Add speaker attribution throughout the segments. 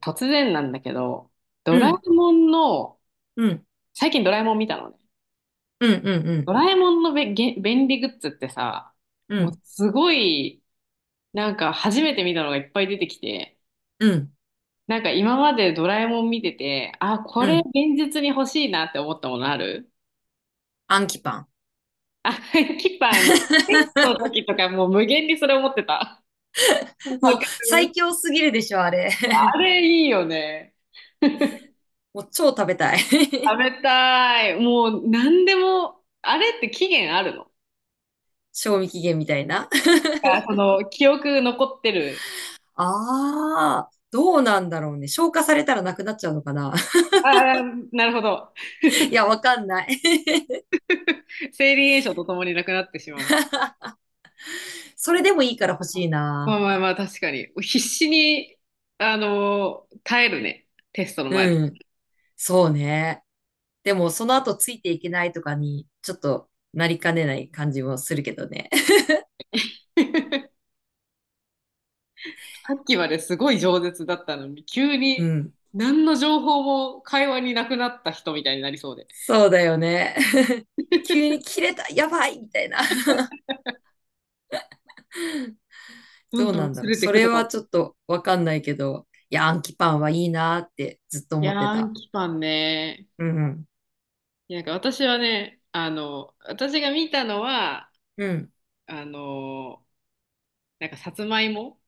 Speaker 1: 突然なんだけど、ド
Speaker 2: う
Speaker 1: ラえ
Speaker 2: ん、
Speaker 1: もんの、
Speaker 2: うん、
Speaker 1: 最近ドラえもん見たのね。
Speaker 2: うん、うん、う
Speaker 1: ド
Speaker 2: ん、
Speaker 1: ラえもんのべ、げ、便利グッズってさ、
Speaker 2: う
Speaker 1: もう
Speaker 2: ん、
Speaker 1: すごい、なんか初めて見たのがいっぱい出てきて、
Speaker 2: うん、
Speaker 1: なんか今までドラえもん見てて、あ、こ
Speaker 2: う
Speaker 1: れ現
Speaker 2: ん。
Speaker 1: 実に欲しいなって思ったものある？
Speaker 2: アンキパン。
Speaker 1: あ、キパン、テストの 時とかもう無限にそれ思ってた。
Speaker 2: も
Speaker 1: わ
Speaker 2: う
Speaker 1: か
Speaker 2: 最
Speaker 1: る。
Speaker 2: 強すぎるでしょ、あれ。
Speaker 1: あれいいよね。
Speaker 2: もう超食べたい。
Speaker 1: 食べたい。もう何でも、あれって期限あるの？
Speaker 2: 賞味期限みたいな。
Speaker 1: なん かその記憶残ってる。
Speaker 2: ああ、どうなんだろうね。消化されたらなくなっちゃうのかな。
Speaker 1: ああ、なるほど。
Speaker 2: いや、わかんない。
Speaker 1: 生理炎症とともになくなってしまう。
Speaker 2: それでもいいから欲しい
Speaker 1: まあ
Speaker 2: な。
Speaker 1: まあまあ、確かに。必死に、耐えるね。テストの前だ。
Speaker 2: うん。そうね。でも、その後ついていけないとかに、ちょっとなりかねない感じもするけどね。
Speaker 1: さっきまですごい饒舌だったのに、急
Speaker 2: う
Speaker 1: に
Speaker 2: ん。
Speaker 1: 何の情報も会話になくなった人みたいになりそうで。
Speaker 2: そうだよね。急に切れた、やばいみたいな。
Speaker 1: どん
Speaker 2: どう
Speaker 1: どん
Speaker 2: なんだ
Speaker 1: 薄
Speaker 2: ろう。
Speaker 1: れてい
Speaker 2: そ
Speaker 1: く
Speaker 2: れ
Speaker 1: とか。
Speaker 2: はちょっとわかんないけど、いや、アンキパンはいいなーってずっと
Speaker 1: い
Speaker 2: 思
Speaker 1: やー、
Speaker 2: って
Speaker 1: アン
Speaker 2: た。
Speaker 1: キパンね。
Speaker 2: うんうん。
Speaker 1: なんか私はね、あの、私が見たのは、
Speaker 2: うん。
Speaker 1: あの、なんかさつまいも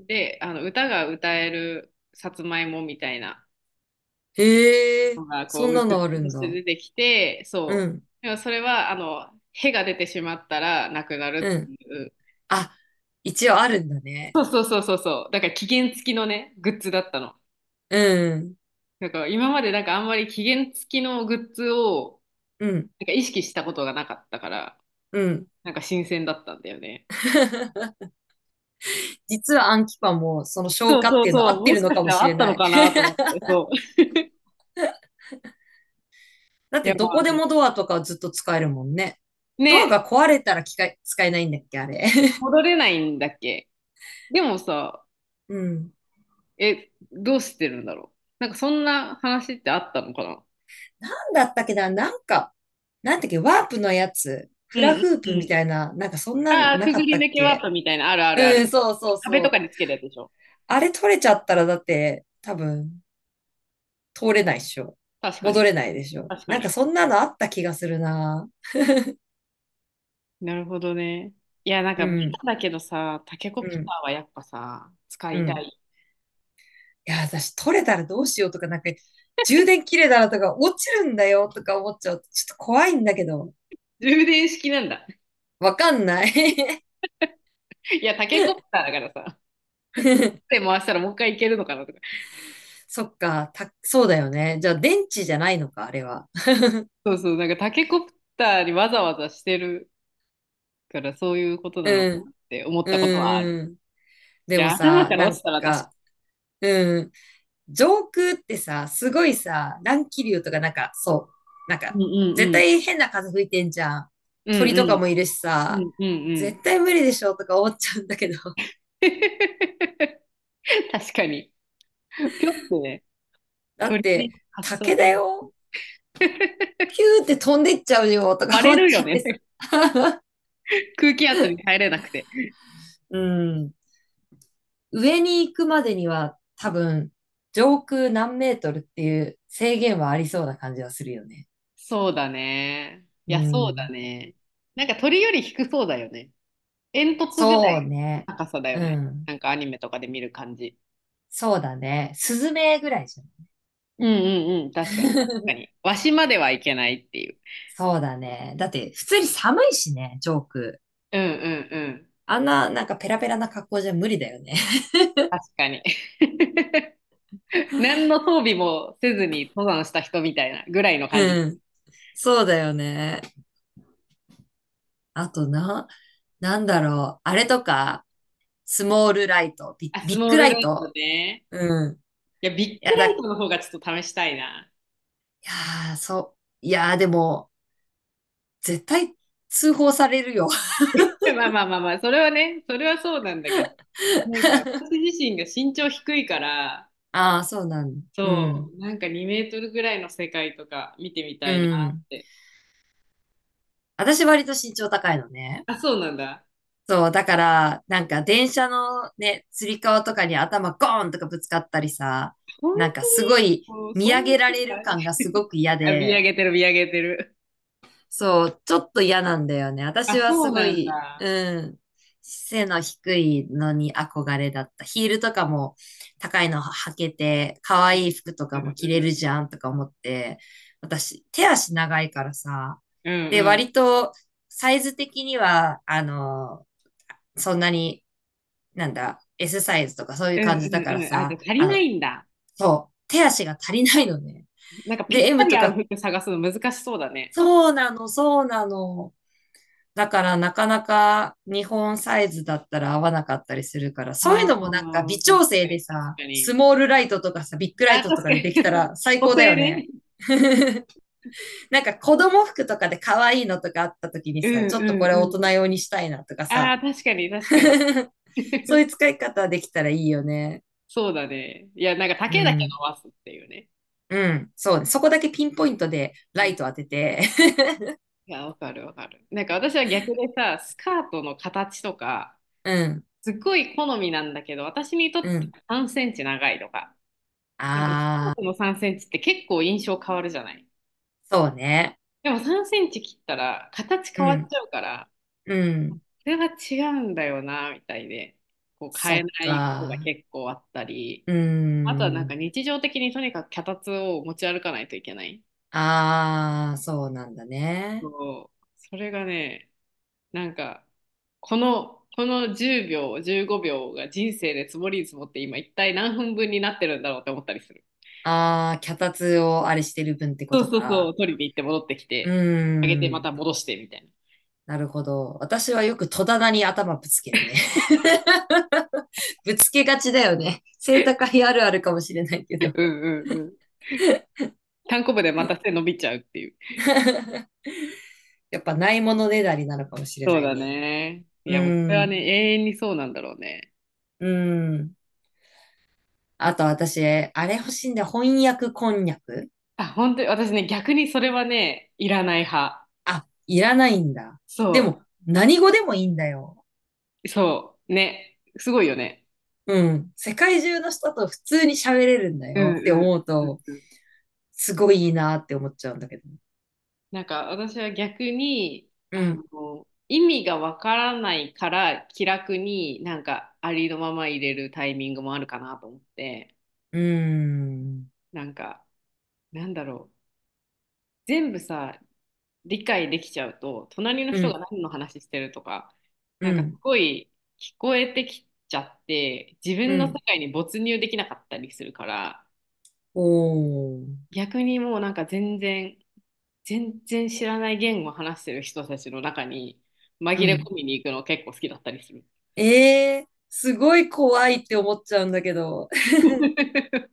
Speaker 1: で、あの、歌が歌えるさつまいもみたいな。
Speaker 2: へえ、
Speaker 1: のがこ
Speaker 2: そ
Speaker 1: う
Speaker 2: ん
Speaker 1: グ
Speaker 2: な
Speaker 1: ッ
Speaker 2: のある
Speaker 1: ズと
Speaker 2: ん
Speaker 1: して
Speaker 2: だ。
Speaker 1: 出てきて、
Speaker 2: う
Speaker 1: そう。
Speaker 2: ん。
Speaker 1: でもそれはあの、へが出てしまったらなくな
Speaker 2: う
Speaker 1: るっ
Speaker 2: ん。
Speaker 1: ていう。
Speaker 2: あ、一応あるんだね。
Speaker 1: そうそうそうそうそう。だから期限付きのね、グッズだったの。
Speaker 2: うん。
Speaker 1: だから今までなんかあんまり期限付きのグッズを
Speaker 2: うん。
Speaker 1: なんか意識したことがなかったから、
Speaker 2: うん。
Speaker 1: なんか新鮮だったんだよね。
Speaker 2: 実はアンキパンもその消
Speaker 1: そう
Speaker 2: 化っ
Speaker 1: そ
Speaker 2: て
Speaker 1: う
Speaker 2: いうの
Speaker 1: そ
Speaker 2: 合っ
Speaker 1: う。
Speaker 2: て
Speaker 1: も
Speaker 2: る
Speaker 1: し
Speaker 2: の
Speaker 1: か
Speaker 2: か
Speaker 1: し
Speaker 2: も
Speaker 1: たら
Speaker 2: し
Speaker 1: あっ
Speaker 2: れ
Speaker 1: た
Speaker 2: な
Speaker 1: の
Speaker 2: い。
Speaker 1: かなと思って、そう。
Speaker 2: だっ
Speaker 1: い
Speaker 2: て
Speaker 1: やま
Speaker 2: ど
Speaker 1: あ
Speaker 2: こで
Speaker 1: ね。
Speaker 2: もドアとかずっと使えるもんね。ドア
Speaker 1: ね、
Speaker 2: が壊れたら機械使えないんだっけ、あれ。
Speaker 1: 戻れないんだっけ。でもさ、
Speaker 2: うん。
Speaker 1: え、どうしてるんだろう。なんかそんな話ってあったのかな。
Speaker 2: だったっけな、なんか、なんだっけ、ワープのやつ、
Speaker 1: う
Speaker 2: フ
Speaker 1: んう
Speaker 2: ラ
Speaker 1: ん
Speaker 2: フー
Speaker 1: う
Speaker 2: プみ
Speaker 1: ん。
Speaker 2: たいな、なんかそんなん
Speaker 1: ああ、
Speaker 2: な
Speaker 1: く
Speaker 2: か
Speaker 1: ぐ
Speaker 2: っ
Speaker 1: り
Speaker 2: たっ
Speaker 1: 抜けワー
Speaker 2: け。
Speaker 1: プみたいな、あるあるあ
Speaker 2: う
Speaker 1: る。
Speaker 2: ん、そうそう
Speaker 1: 壁とか
Speaker 2: そ
Speaker 1: に
Speaker 2: う。
Speaker 1: つけるやつでしょ。
Speaker 2: あれ取れちゃったらだって、多分、通れないっしょ。
Speaker 1: 確か
Speaker 2: 戻
Speaker 1: に。
Speaker 2: れないでしょ。
Speaker 1: 確か
Speaker 2: なんか
Speaker 1: に。
Speaker 2: そんなのあった気がするな。
Speaker 1: なるほどね。いや、なん
Speaker 2: う
Speaker 1: か、ベ
Speaker 2: ん、
Speaker 1: タだけどさ、タケコ
Speaker 2: う
Speaker 1: プタ
Speaker 2: ん、
Speaker 1: ーはやっぱさ、使
Speaker 2: う
Speaker 1: いた
Speaker 2: ん。
Speaker 1: い。
Speaker 2: いや、私取れたらどうしようとか、なんか、充電切れたらとか、落ちるんだよとか思っちゃうと、ちょっと怖いんだけど、
Speaker 1: 充電式なんだ。
Speaker 2: わかんない。
Speaker 1: いや、タケコプターだからさ、手 回したらもう一回いけるのかなとか。
Speaker 2: そっか、そうだよね。じゃあ電池じゃないのか、あれは。
Speaker 1: そうそう、なんかタケコプターにわざわざしてるから、そういうことなの
Speaker 2: う
Speaker 1: か
Speaker 2: ん。
Speaker 1: なって思っ
Speaker 2: う
Speaker 1: たこと
Speaker 2: ん
Speaker 1: はある。い
Speaker 2: うん。でも
Speaker 1: や、頭
Speaker 2: さ、
Speaker 1: から
Speaker 2: な
Speaker 1: 落ち
Speaker 2: ん
Speaker 1: たら確か
Speaker 2: か、うん、上空ってさ、すごいさ、乱気流とかなんか、そう、なんか、
Speaker 1: に。うんう
Speaker 2: 絶
Speaker 1: んうん。
Speaker 2: 対変な風吹いてんじゃん。
Speaker 1: うん
Speaker 2: 鳥と
Speaker 1: う
Speaker 2: か
Speaker 1: ん。
Speaker 2: もいるし
Speaker 1: う
Speaker 2: さ、
Speaker 1: んうんうん。
Speaker 2: 絶対無理でしょとか思っちゃうんだけど、
Speaker 1: 確かに。ぴょってね。
Speaker 2: だっ
Speaker 1: 鳥に
Speaker 2: て、
Speaker 1: かっそ
Speaker 2: 竹
Speaker 1: ら
Speaker 2: だ
Speaker 1: う。
Speaker 2: よ。ピューって飛んでっちゃうよと
Speaker 1: バ
Speaker 2: か
Speaker 1: レ
Speaker 2: 思っ
Speaker 1: るよ
Speaker 2: ちゃって
Speaker 1: ね。
Speaker 2: さ。
Speaker 1: 空気圧に耐えれなくて。
Speaker 2: うん。上に行くまでには多分、上空何メートルっていう制限はありそうな感じはするよね。
Speaker 1: そうだね。い
Speaker 2: う
Speaker 1: や、そうだ
Speaker 2: ん。
Speaker 1: ね。なんか鳥より低そうだよね。煙突ぐら
Speaker 2: そう
Speaker 1: いの
Speaker 2: ね。
Speaker 1: 高さだよ
Speaker 2: う
Speaker 1: ね。
Speaker 2: ん。
Speaker 1: なんかアニメとかで見る感じ。
Speaker 2: そうだね。スズメぐらいじゃん。
Speaker 1: うんうんうん。確かに、確かに。わしまではいけないっていう。
Speaker 2: そうだね。だって、普通に寒いしね、ジョーク。
Speaker 1: うんうんうん。
Speaker 2: あんな、なんかペラペラな格好じゃ無理だよね。
Speaker 1: 確かに。何の装備もせずに登山した人みたいなぐらいの 感
Speaker 2: う
Speaker 1: じ。
Speaker 2: ん。そうだよね。あとな、なんだろう。あれとか、スモールライト、
Speaker 1: あ、
Speaker 2: ビ
Speaker 1: ス
Speaker 2: ッ
Speaker 1: モー
Speaker 2: グラ
Speaker 1: ル
Speaker 2: イ
Speaker 1: ライト
Speaker 2: ト。
Speaker 1: ね。
Speaker 2: うん。
Speaker 1: いや、ビッ
Speaker 2: い
Speaker 1: グ
Speaker 2: や
Speaker 1: ラ
Speaker 2: だ、
Speaker 1: イ
Speaker 2: い
Speaker 1: トの方がちょっと試したいな。
Speaker 2: やー、そう。いやー、でも、絶対通報されるよ。
Speaker 1: まあまあまあまあ、それはね、それはそうなんだけど、なんか私自身が身長低いから、
Speaker 2: ああ、そうなんだ。う
Speaker 1: そ
Speaker 2: ん。
Speaker 1: う、なんか2メートルぐらいの世界とか見てみ
Speaker 2: う
Speaker 1: たいな
Speaker 2: ん。
Speaker 1: って。
Speaker 2: 私割と身長高いのね。
Speaker 1: あ、そうなんだ。
Speaker 2: そう、だから、なんか電車のね、つり革とかに頭ゴーンとかぶつかったりさ、
Speaker 1: 本
Speaker 2: なんか
Speaker 1: 当
Speaker 2: すご
Speaker 1: に
Speaker 2: い
Speaker 1: もう
Speaker 2: 見
Speaker 1: そ
Speaker 2: 上
Speaker 1: んな
Speaker 2: げら
Speaker 1: 世
Speaker 2: れる
Speaker 1: 界。
Speaker 2: 感がすごく嫌
Speaker 1: あ、見上
Speaker 2: で、
Speaker 1: げてる、見上げてる。
Speaker 2: そう、ちょっと嫌なんだよね。
Speaker 1: あ、
Speaker 2: 私は
Speaker 1: そ
Speaker 2: す
Speaker 1: う
Speaker 2: ご
Speaker 1: なん
Speaker 2: い、
Speaker 1: だ。
Speaker 2: うん、背の低いのに憧れだった。ヒールとかも高いの履けて、可愛い服と
Speaker 1: う
Speaker 2: かも着れ
Speaker 1: ん
Speaker 2: るじゃんとか思って、私、手足長いからさ、
Speaker 1: うん。う
Speaker 2: で、
Speaker 1: んう
Speaker 2: 割
Speaker 1: ん
Speaker 2: とサイズ的には、あの、そんなになんだ、Sサイズとかそうい
Speaker 1: う
Speaker 2: う
Speaker 1: ん
Speaker 2: 感じだか
Speaker 1: う
Speaker 2: ら
Speaker 1: んうん。あ、じゃ
Speaker 2: さ、
Speaker 1: あ足り
Speaker 2: あ
Speaker 1: な
Speaker 2: の、
Speaker 1: いんだ。
Speaker 2: そう、手足が足りないのね。
Speaker 1: なんかぴ
Speaker 2: で、
Speaker 1: った
Speaker 2: M
Speaker 1: り
Speaker 2: と
Speaker 1: 合う
Speaker 2: か、
Speaker 1: 服探すの難しそうだね。
Speaker 2: そうなの、そうなの。だからなかなか日本サイズだったら合わなかったりするから、そうい
Speaker 1: あ
Speaker 2: う
Speaker 1: あ、
Speaker 2: のもなんか微
Speaker 1: 確
Speaker 2: 調整
Speaker 1: かに、
Speaker 2: で
Speaker 1: 確
Speaker 2: さ、
Speaker 1: か
Speaker 2: ス
Speaker 1: に。
Speaker 2: モールライトとかさ、ビッグライ
Speaker 1: あ、
Speaker 2: トと
Speaker 1: 確
Speaker 2: か
Speaker 1: か
Speaker 2: でで
Speaker 1: に。
Speaker 2: きた ら最
Speaker 1: 補
Speaker 2: 高だよ
Speaker 1: 正
Speaker 2: ね。
Speaker 1: ね。
Speaker 2: なんか子供服とかで可愛いのとかあった時に
Speaker 1: うん
Speaker 2: さ、ちょっとこれ
Speaker 1: う
Speaker 2: 大
Speaker 1: んう
Speaker 2: 人
Speaker 1: ん。
Speaker 2: 用にしたいなとか
Speaker 1: あ
Speaker 2: さ、
Speaker 1: あ、確かに 確かに。
Speaker 2: そういう 使い方できたらいいよね。
Speaker 1: そうだね。いや、なんか
Speaker 2: う
Speaker 1: 丈だけ伸
Speaker 2: ん。
Speaker 1: ばすっていうね。
Speaker 2: うん、そうね。そこだけピンポイントで
Speaker 1: う
Speaker 2: ラ
Speaker 1: ん、
Speaker 2: イト
Speaker 1: い
Speaker 2: 当てて。
Speaker 1: や、わかるわかる。なんか私は逆でさ、スカートの形とか、
Speaker 2: うん、
Speaker 1: すっごい好みなんだけど、私にとっ
Speaker 2: う
Speaker 1: て
Speaker 2: ん。
Speaker 1: 3センチ長いとか、なんかスカ
Speaker 2: あ
Speaker 1: ート
Speaker 2: あ、
Speaker 1: の3センチって結構印象変わるじゃない。
Speaker 2: そうね。
Speaker 1: でも3センチ切ったら形
Speaker 2: う
Speaker 1: 変わっ
Speaker 2: ん、
Speaker 1: ちゃうから、
Speaker 2: うん。
Speaker 1: これは違うんだよな、みたいで、こう
Speaker 2: そ
Speaker 1: 変え
Speaker 2: っ
Speaker 1: ないことが
Speaker 2: か。
Speaker 1: 結構あったり。
Speaker 2: う
Speaker 1: あとはなんか
Speaker 2: ん。
Speaker 1: 日常的にとにかく脚立を持ち歩かないといけない。
Speaker 2: ああ、そうなんだね。
Speaker 1: そう。それがね、なんか、この10秒、15秒が人生で積もりに積もって今一体何分分になってるんだろうって思ったりする。
Speaker 2: ああ、脚立をあれしてる分ってこ
Speaker 1: そう
Speaker 2: と
Speaker 1: そうそ
Speaker 2: か。
Speaker 1: う、取りに行って戻ってき
Speaker 2: うー
Speaker 1: て、上げてま
Speaker 2: ん。
Speaker 1: た戻してみたいな。
Speaker 2: なるほど。私はよく戸棚に頭ぶつけるね。ぶつけがちだよね。背高いあるあるかもしれないけ ど。
Speaker 1: うんうんうん。単行部でまた背伸びちゃうっていう。
Speaker 2: やっぱないものねだりなのかもしれ
Speaker 1: そ
Speaker 2: な
Speaker 1: う
Speaker 2: い
Speaker 1: だ
Speaker 2: ね。
Speaker 1: ね。い
Speaker 2: う
Speaker 1: や、もうこ
Speaker 2: ー
Speaker 1: れは
Speaker 2: ん。
Speaker 1: ね、永遠にそうなんだろうね。
Speaker 2: うん。あと私、あれ欲しいんだよ。翻訳こんにゃく。
Speaker 1: あ、本当に私ね、逆にそれはね、いらない派。
Speaker 2: あ、いらないんだ。で
Speaker 1: そう。
Speaker 2: も、何語でもいいんだよ。
Speaker 1: そう、ね、すごいよね。
Speaker 2: うん。世界中の人と普通に喋れるんだ
Speaker 1: う
Speaker 2: よ
Speaker 1: ん
Speaker 2: って
Speaker 1: うん
Speaker 2: 思う
Speaker 1: うん
Speaker 2: と、
Speaker 1: うん。
Speaker 2: すごいいいなって思っちゃうんだけど。
Speaker 1: なんか私は逆に、
Speaker 2: う
Speaker 1: あ
Speaker 2: ん。
Speaker 1: の、意味がわからないから気楽になんかありのまま入れるタイミングもあるかなと思って、
Speaker 2: うーん。
Speaker 1: なんか、なんだろう、全部さ理解できちゃうと隣の
Speaker 2: う
Speaker 1: 人が
Speaker 2: ん。
Speaker 1: 何の話してるとか
Speaker 2: う
Speaker 1: なんかす
Speaker 2: ん。
Speaker 1: ごい聞こえてきちゃって自
Speaker 2: う
Speaker 1: 分の世
Speaker 2: ん。
Speaker 1: 界に没入できなかったりするから、
Speaker 2: おー。
Speaker 1: 逆にもうなんか全然知らない言語を話してる人たちの中に
Speaker 2: う
Speaker 1: 紛れ
Speaker 2: ん。
Speaker 1: 込みに行くの結構好きだったりする。
Speaker 2: えー、すごい怖いって思っちゃうんだけど。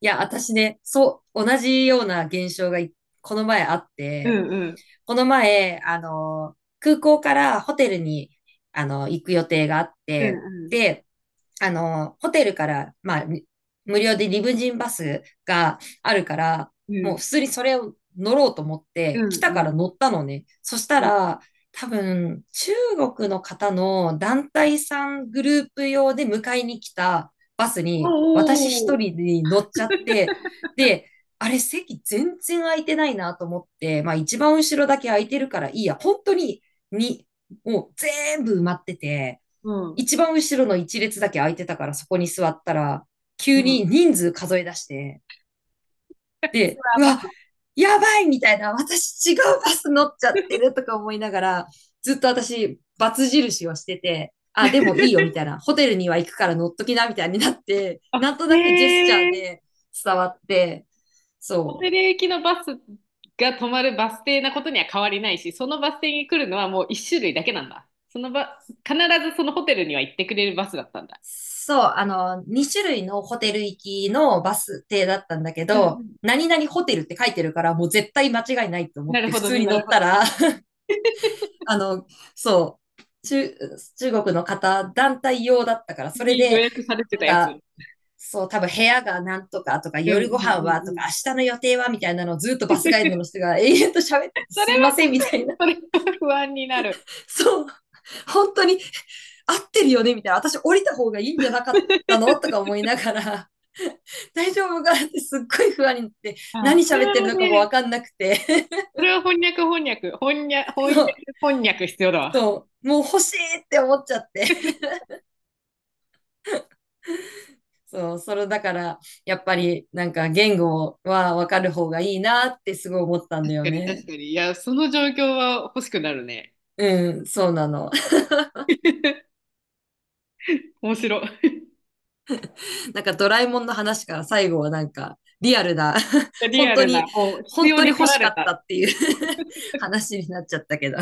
Speaker 2: いや、私ね、そう、同じような現象がこの前あっ
Speaker 1: う
Speaker 2: て、
Speaker 1: んうん。
Speaker 2: この前、あの、空港からホテルに、あの、行く予定があっ
Speaker 1: うん
Speaker 2: て、
Speaker 1: うん。
Speaker 2: で、あの、ホテルから、まあ、無料でリムジンバスがあるから、
Speaker 1: う
Speaker 2: もう
Speaker 1: ん
Speaker 2: 普通にそれを乗ろうと思っ
Speaker 1: う
Speaker 2: て、来た
Speaker 1: ん
Speaker 2: か
Speaker 1: うん。
Speaker 2: ら乗ったのね。そした
Speaker 1: うん。
Speaker 2: ら、多分、中国の方の団体さんグループ用で迎えに来たバス
Speaker 1: お
Speaker 2: に、私一
Speaker 1: おー。
Speaker 2: 人に乗っちゃって、で、あれ席全然空いてないなと思って、まあ一番後ろだけ空いてるからいいや、本当に、に、もう全部埋まってて、
Speaker 1: うん
Speaker 2: 一番後ろの一列だけ空いてたからそこに座ったら、
Speaker 1: う
Speaker 2: 急
Speaker 1: ん。
Speaker 2: に人数数え出して、
Speaker 1: そ
Speaker 2: で、
Speaker 1: れ
Speaker 2: う
Speaker 1: ま。
Speaker 2: わ、やばいみたいな、私違うバス乗っちゃって るとか思いながら、ずっと私、バツ印をしてて、あ、でもいいよみたいな、ホテルには行くから乗っときなみたいになって、
Speaker 1: あ、
Speaker 2: なんとなくジェスチャ
Speaker 1: へ
Speaker 2: ー
Speaker 1: え。
Speaker 2: で伝わって、
Speaker 1: 小
Speaker 2: そう。
Speaker 1: 寺駅のバスが止まるバス停なことには変わりないし、そのバス停に来るのはもう一種類だけなんだ。そのば、必ずそのホテルには行ってくれるバスだったんだ。
Speaker 2: そう、あの、2種類のホテル行きのバス停だったんだけ
Speaker 1: うんう
Speaker 2: ど、
Speaker 1: ん。
Speaker 2: 何々ホテルって書いてるから、もう絶対間違いないと思
Speaker 1: な
Speaker 2: っ
Speaker 1: る
Speaker 2: て
Speaker 1: ほ
Speaker 2: 普
Speaker 1: ど
Speaker 2: 通
Speaker 1: ね、
Speaker 2: に
Speaker 1: な
Speaker 2: 乗
Speaker 1: るほ
Speaker 2: っ
Speaker 1: ど
Speaker 2: た
Speaker 1: ね。
Speaker 2: ら、あの、そう、中国の方、団体用だったから、それ
Speaker 1: に予
Speaker 2: で、
Speaker 1: 約されて
Speaker 2: なん
Speaker 1: たやつ。う
Speaker 2: か、そう、多分部屋がなんとかとか、
Speaker 1: んう
Speaker 2: 夜ご
Speaker 1: んう
Speaker 2: 飯は
Speaker 1: ん
Speaker 2: と
Speaker 1: う
Speaker 2: か、
Speaker 1: ん。
Speaker 2: 明日の予定はみたいなのをずっとバスガイドの人 が永遠と喋ってて、
Speaker 1: それ
Speaker 2: すいま
Speaker 1: は、
Speaker 2: せんみたいな。
Speaker 1: それは不安になる。
Speaker 2: そう、本当に合ってるよねみたいな。私降りた方がいいんじゃなかったのとか思 いながら、大丈夫かってすっごい不安になって、
Speaker 1: あ、
Speaker 2: 何
Speaker 1: それ
Speaker 2: 喋ってる
Speaker 1: は
Speaker 2: のかもわ
Speaker 1: ね、
Speaker 2: かんなくて、
Speaker 1: それは翻訳翻訳、翻訳、
Speaker 2: そ
Speaker 1: 翻
Speaker 2: う、
Speaker 1: 訳、翻訳必要だわ。
Speaker 2: そう、もう欲しいって思っちゃって。そう、それだから、やっぱりなんか言語はわかる方がいいなってすごい思ったんだ
Speaker 1: 確
Speaker 2: よ
Speaker 1: かに確
Speaker 2: ね。
Speaker 1: かに。いや、その状況は欲しくなるね。
Speaker 2: うん、そうなの。
Speaker 1: 面白
Speaker 2: なんかドラえもんの話から最後はなんかリアルな、
Speaker 1: い。リ
Speaker 2: 本
Speaker 1: ア
Speaker 2: 当
Speaker 1: ルな、
Speaker 2: に、
Speaker 1: もう必
Speaker 2: 本
Speaker 1: 要
Speaker 2: 当に
Speaker 1: に駆
Speaker 2: 欲
Speaker 1: ら
Speaker 2: しか
Speaker 1: れ
Speaker 2: っ
Speaker 1: た。
Speaker 2: たっていう 話になっちゃったけど。